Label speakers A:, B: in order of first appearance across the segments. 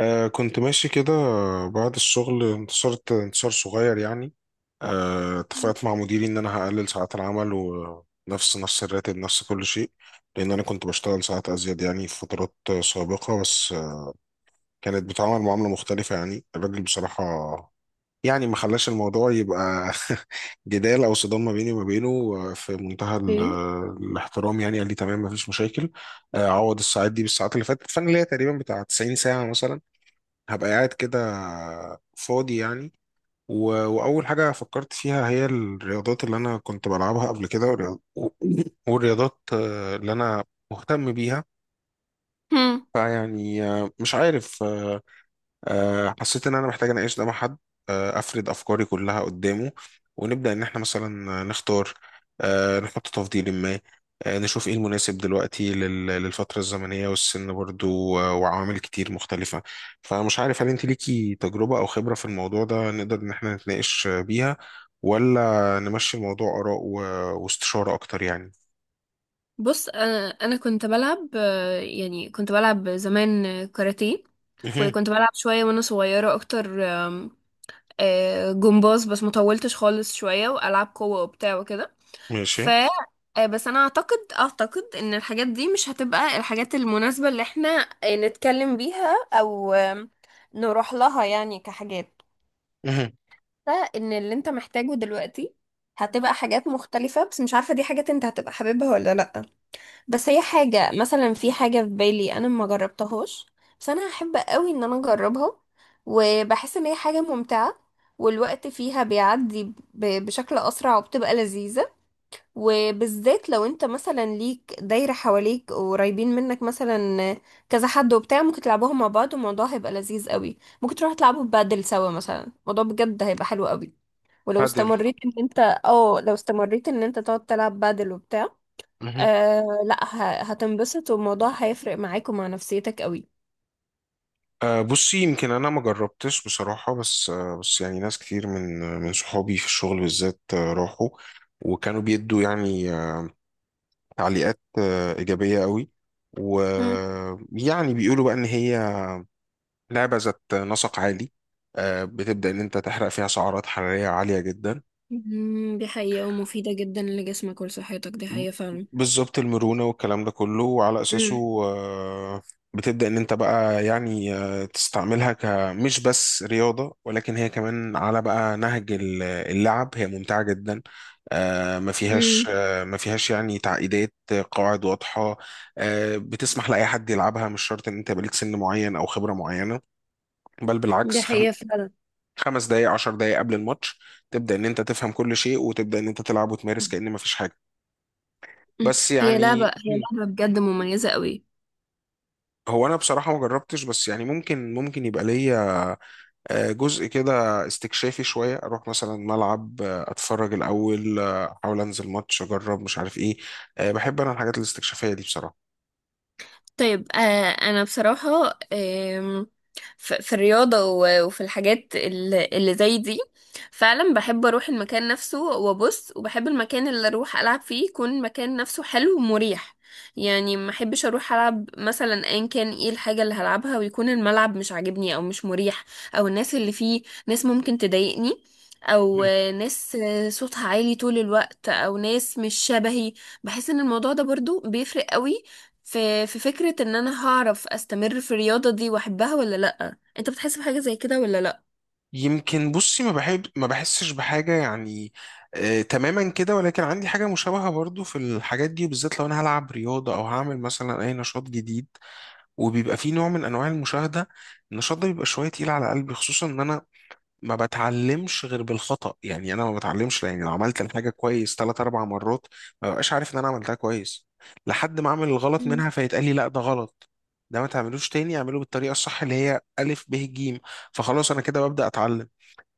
A: كنت ماشي كده. بعد الشغل انتشرت انتشار صغير يعني. اتفقت مع مديري ان انا هقلل ساعات العمل، ونفس نفس الراتب، نفس كل شيء، لان انا كنت بشتغل ساعات ازيد يعني في فترات سابقة. بس كانت بتعامل معاملة مختلفة يعني الراجل بصراحة. يعني ما خلاش الموضوع يبقى جدال او صدام ما بيني وما بينه. في منتهى
B: اوكي.
A: الاحترام يعني. قال لي تمام، ما فيش مشاكل. عوض الساعات دي بالساعات اللي فاتت، فانا ليا تقريبا بتاع 90 ساعة مثلا هبقى قاعد كده فاضي يعني. و... وأول حاجة فكرت فيها هي الرياضات اللي أنا كنت بلعبها قبل كده، والرياضات اللي أنا مهتم بيها.
B: هم.
A: فيعني آه، مش عارف آه، آه، حسيت ان انا محتاج اناقش ده مع حد، افرد افكاري كلها قدامه، ونبدا ان احنا مثلا نختار، نحط تفضيل ما، نشوف ايه المناسب دلوقتي للفتره الزمنيه والسن برضو، وعوامل كتير مختلفه. فمش عارف هل انت ليكي تجربه او خبره في الموضوع ده نقدر ان احنا نتناقش بيها، ولا نمشي الموضوع اراء واستشاره اكتر يعني.
B: بص، انا كنت بلعب، يعني كنت بلعب زمان كاراتيه.
A: مهم.
B: وكنت بلعب شويه وانا صغيره اكتر، آم، آه، جمباز، بس ما طولتش خالص، شويه والعاب قوه وبتاع وكده. ف
A: ماشي.
B: آه، بس انا اعتقد ان الحاجات دي مش هتبقى الحاجات المناسبه اللي احنا نتكلم بيها، او نروح لها يعني كحاجات.
A: مهم.
B: فان اللي انت محتاجه دلوقتي هتبقى حاجات مختلفه، بس مش عارفه دي حاجات انت هتبقى حاببها ولا لا. بس هي حاجة، مثلا في حاجة في بالي أنا ما جربتهاش، بس أنا هحب قوي إن أنا أجربها، وبحس إن هي حاجة ممتعة والوقت فيها بيعدي بشكل أسرع وبتبقى لذيذة. وبالذات لو أنت مثلا ليك دايرة حواليك وقريبين منك، مثلا كذا حد وبتاع، ممكن تلعبوها مع بعض، والموضوع هيبقى لذيذ قوي. ممكن تروحوا تلعبوا بادل سوا مثلا، الموضوع بجد هيبقى حلو قوي. ولو
A: عدل.
B: استمريت ان انت اه لو استمريت ان انت تقعد تلعب بادل وبتاع، لا، هتنبسط، والموضوع هيفرق معاك ومع نفسيتك قوي.
A: أه بصي، يمكن انا ما جربتش بصراحه، بس أه بس يعني ناس كتير من صحابي في الشغل بالذات راحوا وكانوا بيدوا يعني تعليقات ايجابيه قوي،
B: هم.
A: ويعني بيقولوا بقى ان هي لعبه ذات نسق عالي. أه بتبدا ان انت تحرق فيها سعرات حراريه عاليه جدا،
B: دي حقيقة ومفيدة جدا لجسمك ولصحتك، دي حقيقة فعلا.
A: بالظبط المرونة والكلام ده كله. وعلى
B: مم.
A: أساسه آه، بتبدأ إن أنت بقى يعني تستعملها كمش بس رياضة، ولكن هي كمان على بقى نهج اللعب هي ممتعة جدا.
B: مم.
A: ما فيهاش يعني تعقيدات، قواعد واضحة، بتسمح لأي حد يلعبها، مش شرط إن أنت بليك سن معين أو خبرة معينة، بل
B: دي
A: بالعكس.
B: حقيقة فعلا.
A: 5 دقايق، 10 دقايق قبل الماتش تبدأ إن أنت تفهم كل شيء، وتبدأ إن أنت تلعب وتمارس
B: مم.
A: كأن مفيش حاجة. بس يعني
B: هي لعبة بجد مميزة قوي.
A: هو انا بصراحه ما جربتش، بس يعني ممكن يبقى ليا جزء كده استكشافي شويه. اروح مثلا ملعب، اتفرج الاول، احاول انزل ماتش، اجرب مش عارف ايه. بحب انا الحاجات الاستكشافيه دي بصراحه.
B: طيب، انا بصراحة، في الرياضة وفي الحاجات اللي زي دي، فعلا بحب اروح المكان نفسه وابص، وبحب المكان اللي اروح العب فيه يكون مكان نفسه حلو ومريح. يعني ما احبش اروح العب مثلا، ان كان ايه الحاجة اللي هلعبها، ويكون الملعب مش عاجبني او مش مريح، او الناس اللي فيه ناس ممكن تضايقني، او
A: مم.
B: ناس صوتها عالي طول الوقت، او ناس مش شبهي. بحس ان الموضوع ده برضو بيفرق قوي في فكرة ان انا هعرف استمر في الرياضة دي واحبها ولا لأ. انت بتحس بحاجة زي كده ولا لأ؟
A: يمكن بصي ما بحب ما بحسش بحاجه يعني تماما كده، ولكن عندي حاجه مشابهه برضو في الحاجات دي. بالذات لو انا هلعب رياضه او هعمل مثلا اي نشاط جديد وبيبقى فيه نوع من انواع المشاهده، النشاط ده بيبقى شويه تقيل على قلبي. خصوصا ان انا ما بتعلمش غير بالخطأ يعني. انا ما بتعلمش يعني لو عملت الحاجة كويس ثلاث اربع مرات ما ببقاش عارف ان انا عملتها كويس، لحد ما اعمل الغلط
B: مم.
A: منها فيتقال لي لا، ده غلط، ده ما تعملوش تاني، اعمله بالطريقة الصح اللي هي ألف ب ج. فخلاص انا كده ببدأ اتعلم.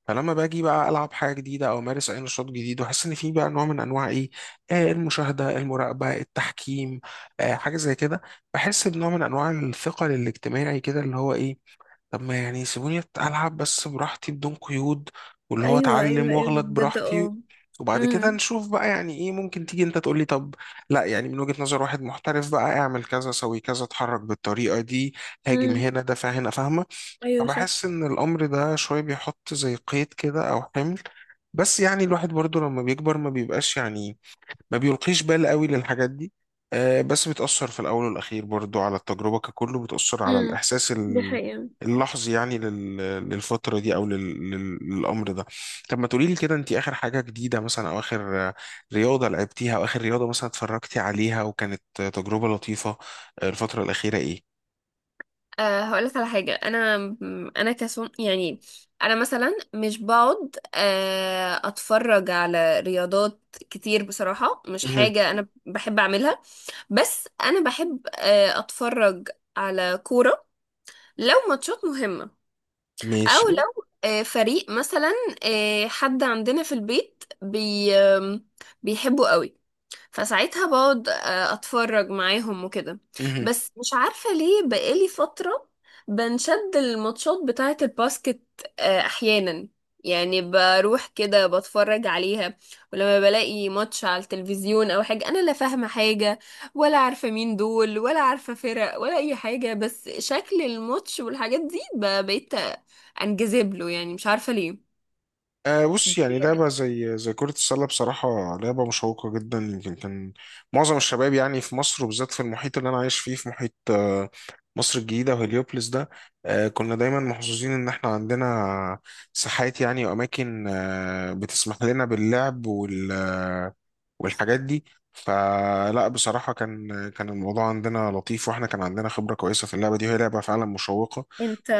A: فلما باجي بقى العب حاجه جديده، او امارس اي نشاط جديد، واحس ان في بقى نوع من انواع ايه، آه، المشاهده، المراقبه، التحكيم، آه حاجه زي كده، بحس بنوع من انواع الثقل الاجتماعي كده، اللي هو ايه، طب ما يعني سيبوني ألعب بس براحتي بدون قيود، واللي هو
B: ايوه
A: أتعلم
B: ايوه ايوه
A: وأغلط
B: بجد،
A: براحتي،
B: اه.
A: وبعد كده
B: امم.
A: نشوف بقى يعني إيه. ممكن تيجي أنت تقولي طب لا، يعني من وجهة نظر واحد محترف بقى، اعمل كذا، سوي كذا، اتحرك بالطريقة دي، هاجم
B: مم.
A: هنا، دافع هنا، فاهمة؟
B: ايوه صح.
A: فبحس إن الأمر ده شوية بيحط زي قيد كده أو حمل. بس يعني الواحد برضو لما بيكبر ما بيبقاش يعني ما بيلقيش بال قوي للحاجات دي، بس بتأثر في الأول والأخير برضو على التجربة ككل. بتأثر على
B: امم.
A: الإحساس
B: دي حقيقة.
A: اللحظي يعني، للفترة دي، أو للأمر ده. طب ما تقولي لي كده، أنت آخر حاجة جديدة مثلا، أو آخر رياضة لعبتيها، أو آخر رياضة مثلا اتفرجتي عليها وكانت تجربة لطيفة الفترة الأخيرة، إيه؟
B: هقولك على حاجة. أنا كسون يعني. أنا مثلا مش بقعد أتفرج على رياضات كتير بصراحة، مش
A: مهم.
B: حاجة أنا بحب أعملها. بس أنا بحب أتفرج على كورة لو ماتشات مهمة، او
A: ماشي.
B: لو فريق مثلا، حد عندنا في البيت بي آم، بيحبه قوي، فساعتها بقعد اتفرج معاهم وكده.
A: مهم.
B: بس مش عارفة ليه، بقالي فترة بنشد الماتشات بتاعة الباسكت احيانا. يعني بروح كده بتفرج عليها. ولما بلاقي ماتش على التلفزيون او حاجة، انا لا فاهمة حاجة ولا عارفة مين دول ولا عارفة فرق ولا اي حاجة، بس شكل الماتش والحاجات دي بقيت انجذب له يعني، مش عارفة ليه.
A: آه بص، يعني لعبة زي كرة السلة بصراحة لعبة مشوقة جدا. يمكن كان معظم الشباب يعني في مصر، وبالذات في المحيط اللي أنا عايش فيه في محيط مصر الجديدة وهليوبلس ده، آه كنا دايما محظوظين إن إحنا عندنا ساحات يعني، وأماكن بتسمح لنا باللعب وال والحاجات دي. فلا بصراحة كان الموضوع عندنا لطيف، وإحنا كان عندنا خبرة كويسة في اللعبة دي، وهي لعبة فعلا مشوقة.
B: انت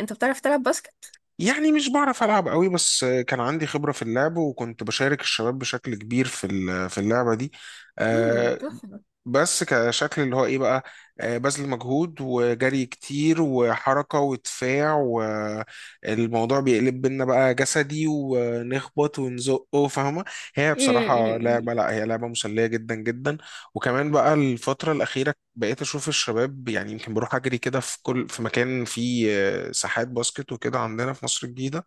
B: انت بتعرف تلعب باسكت؟
A: يعني مش بعرف ألعب قوي، بس كان عندي خبرة في اللعب، وكنت بشارك الشباب بشكل كبير في في اللعبة دي.
B: ده
A: آه،
B: تحفة.
A: بس كشكل اللي هو ايه بقى، بذل مجهود وجري كتير وحركة ودفاع، والموضوع بيقلب بينا بقى جسدي ونخبط ونزقه، فاهمة؟ هي بصراحة
B: امم
A: لعبة، لا هي لعبة مسلية جدا جدا. وكمان بقى الفترة الأخيرة بقيت أشوف الشباب يعني، يمكن بروح أجري كده في كل في مكان فيه ساحات باسكت وكده عندنا في مصر الجديدة.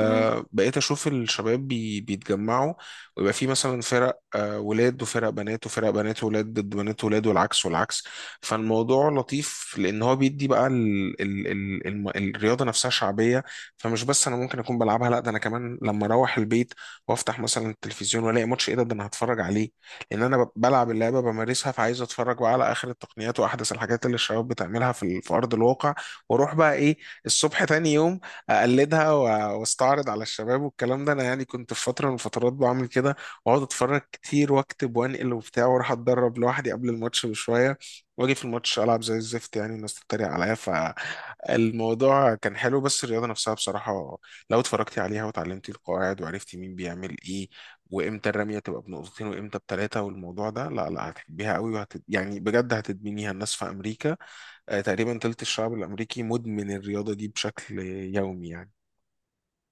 B: امم
A: بقيت اشوف الشباب بيتجمعوا، ويبقى في مثلا فرق ولاد، وفرق بنات، وفرق بنات وولاد ضد بنات وولاد، والعكس والعكس. فالموضوع لطيف، لان هو بيدي بقى الرياضه نفسها شعبيه. فمش بس انا ممكن اكون بلعبها، لا ده انا كمان لما اروح البيت وافتح مثلا التلفزيون والاقي ماتش ايه ده انا هتفرج عليه، لان انا بلعب اللعبه بمارسها. فعايز اتفرج بقى على اخر التقنيات واحدث الحاجات اللي الشباب بتعملها في في ارض الواقع. واروح بقى ايه الصبح تاني يوم اقلدها واستعرض على الشباب. والكلام ده انا يعني كنت في فتره من الفترات بعمل كده، واقعد اتفرج كتير واكتب وانقل وبتاع، واروح اتدرب لوحدي قبل الماتش بشويه، واجي في الماتش العب زي الزفت يعني، والناس تتريق عليا. فالموضوع كان حلو. بس الرياضه نفسها بصراحه لو اتفرجتي عليها وتعلمتي القواعد، وعرفتي مين بيعمل ايه، وامتى الرميه تبقى بنقطتين، وامتى بثلاثه، والموضوع ده، لا هتحبيها قوي، يعني بجد هتدمنيها. الناس في امريكا تقريبا تلت الشعب الامريكي مدمن الرياضه دي بشكل يومي يعني.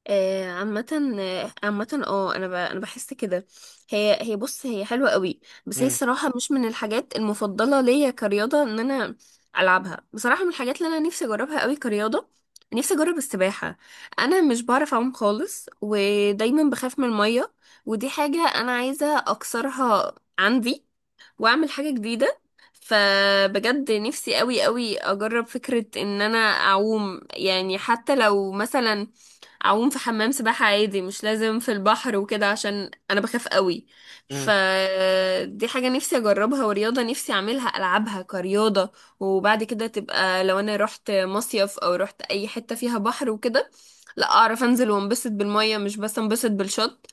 B: عامة، انا بحس كده. هي هي بص، هي حلوة قوي. بس هي
A: مم.
B: الصراحة مش من الحاجات المفضلة ليا كرياضة، ان انا العبها. بصراحة من الحاجات اللي انا نفسي اجربها قوي كرياضة، نفسي اجرب السباحة. انا مش بعرف اعوم خالص، ودايما بخاف من المية، ودي حاجة انا عايزة اكسرها عندي، واعمل حاجة جديدة. فبجد نفسي قوي قوي اجرب فكرة ان انا اعوم، يعني حتى لو مثلا اعوم في حمام سباحة عادي، مش لازم في البحر وكده، عشان انا بخاف قوي.
A: مم.
B: فدي حاجة نفسي اجربها، ورياضة نفسي اعملها العبها كرياضة. وبعد كده تبقى لو انا رحت مصيف او رحت اي حتة فيها بحر وكده، لا اعرف انزل وانبسط بالمية، مش بس انبسط بالشط.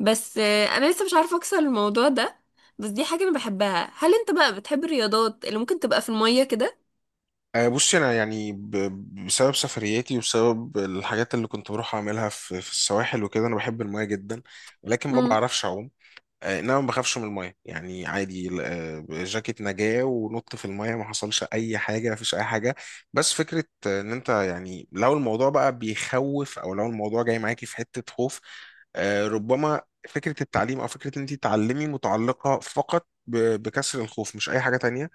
B: بس انا لسه مش عارفه اكسر الموضوع ده. بس دي حاجه انا بحبها. هل انت بقى بتحب الرياضات اللي ممكن تبقى في الميه كده؟
A: بصي انا يعني بسبب سفرياتي، وبسبب الحاجات اللي كنت بروح اعملها في في السواحل وكده، انا بحب المايه جدا، ولكن ما
B: امم.
A: بعرفش اعوم. انما ما بخافش من المايه يعني عادي. جاكيت نجاة ونط في المايه، ما حصلش اي حاجه، ما فيش اي حاجه. بس فكره ان انت يعني لو الموضوع بقى بيخوف، او لو الموضوع جاي معاكي في حته خوف، ربما فكره التعليم او فكره ان انت تعلمي متعلقه فقط بكسر الخوف، مش اي حاجه تانية.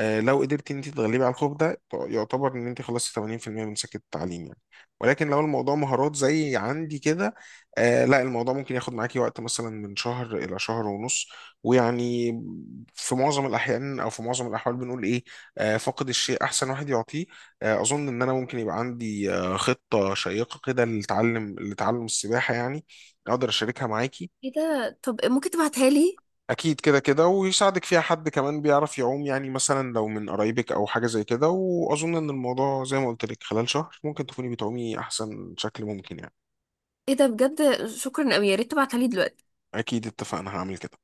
A: لو قدرتي ان انت تتغلبي على الخوف ده، يعتبر ان انت خلصتي 80% من سكه التعليم يعني. ولكن لو الموضوع مهارات زي عندي كده، آه لا الموضوع ممكن ياخد معاكي وقت مثلا من شهر إلى شهر ونص. ويعني في معظم الأحيان أو في معظم الأحوال بنقول إيه، فاقد الشيء أحسن واحد يعطيه. أظن إن أنا ممكن يبقى عندي خطة شيقة كده لتعلم السباحة يعني، أقدر أشاركها معاكي.
B: ايه ده؟ طب ممكن تبعتها لي؟
A: أكيد كده ويساعدك فيها حد كمان بيعرف يعوم يعني، مثلا لو من قرايبك أو حاجة زي كده. وأظن إن الموضوع زي ما قلت لك خلال شهر ممكن تكوني بتعومي أحسن شكل ممكن يعني.
B: ايه ده؟ بجد شكرا قوي، يا ريت تبعتها لي دلوقتي.
A: أكيد اتفقنا، هعمل كده.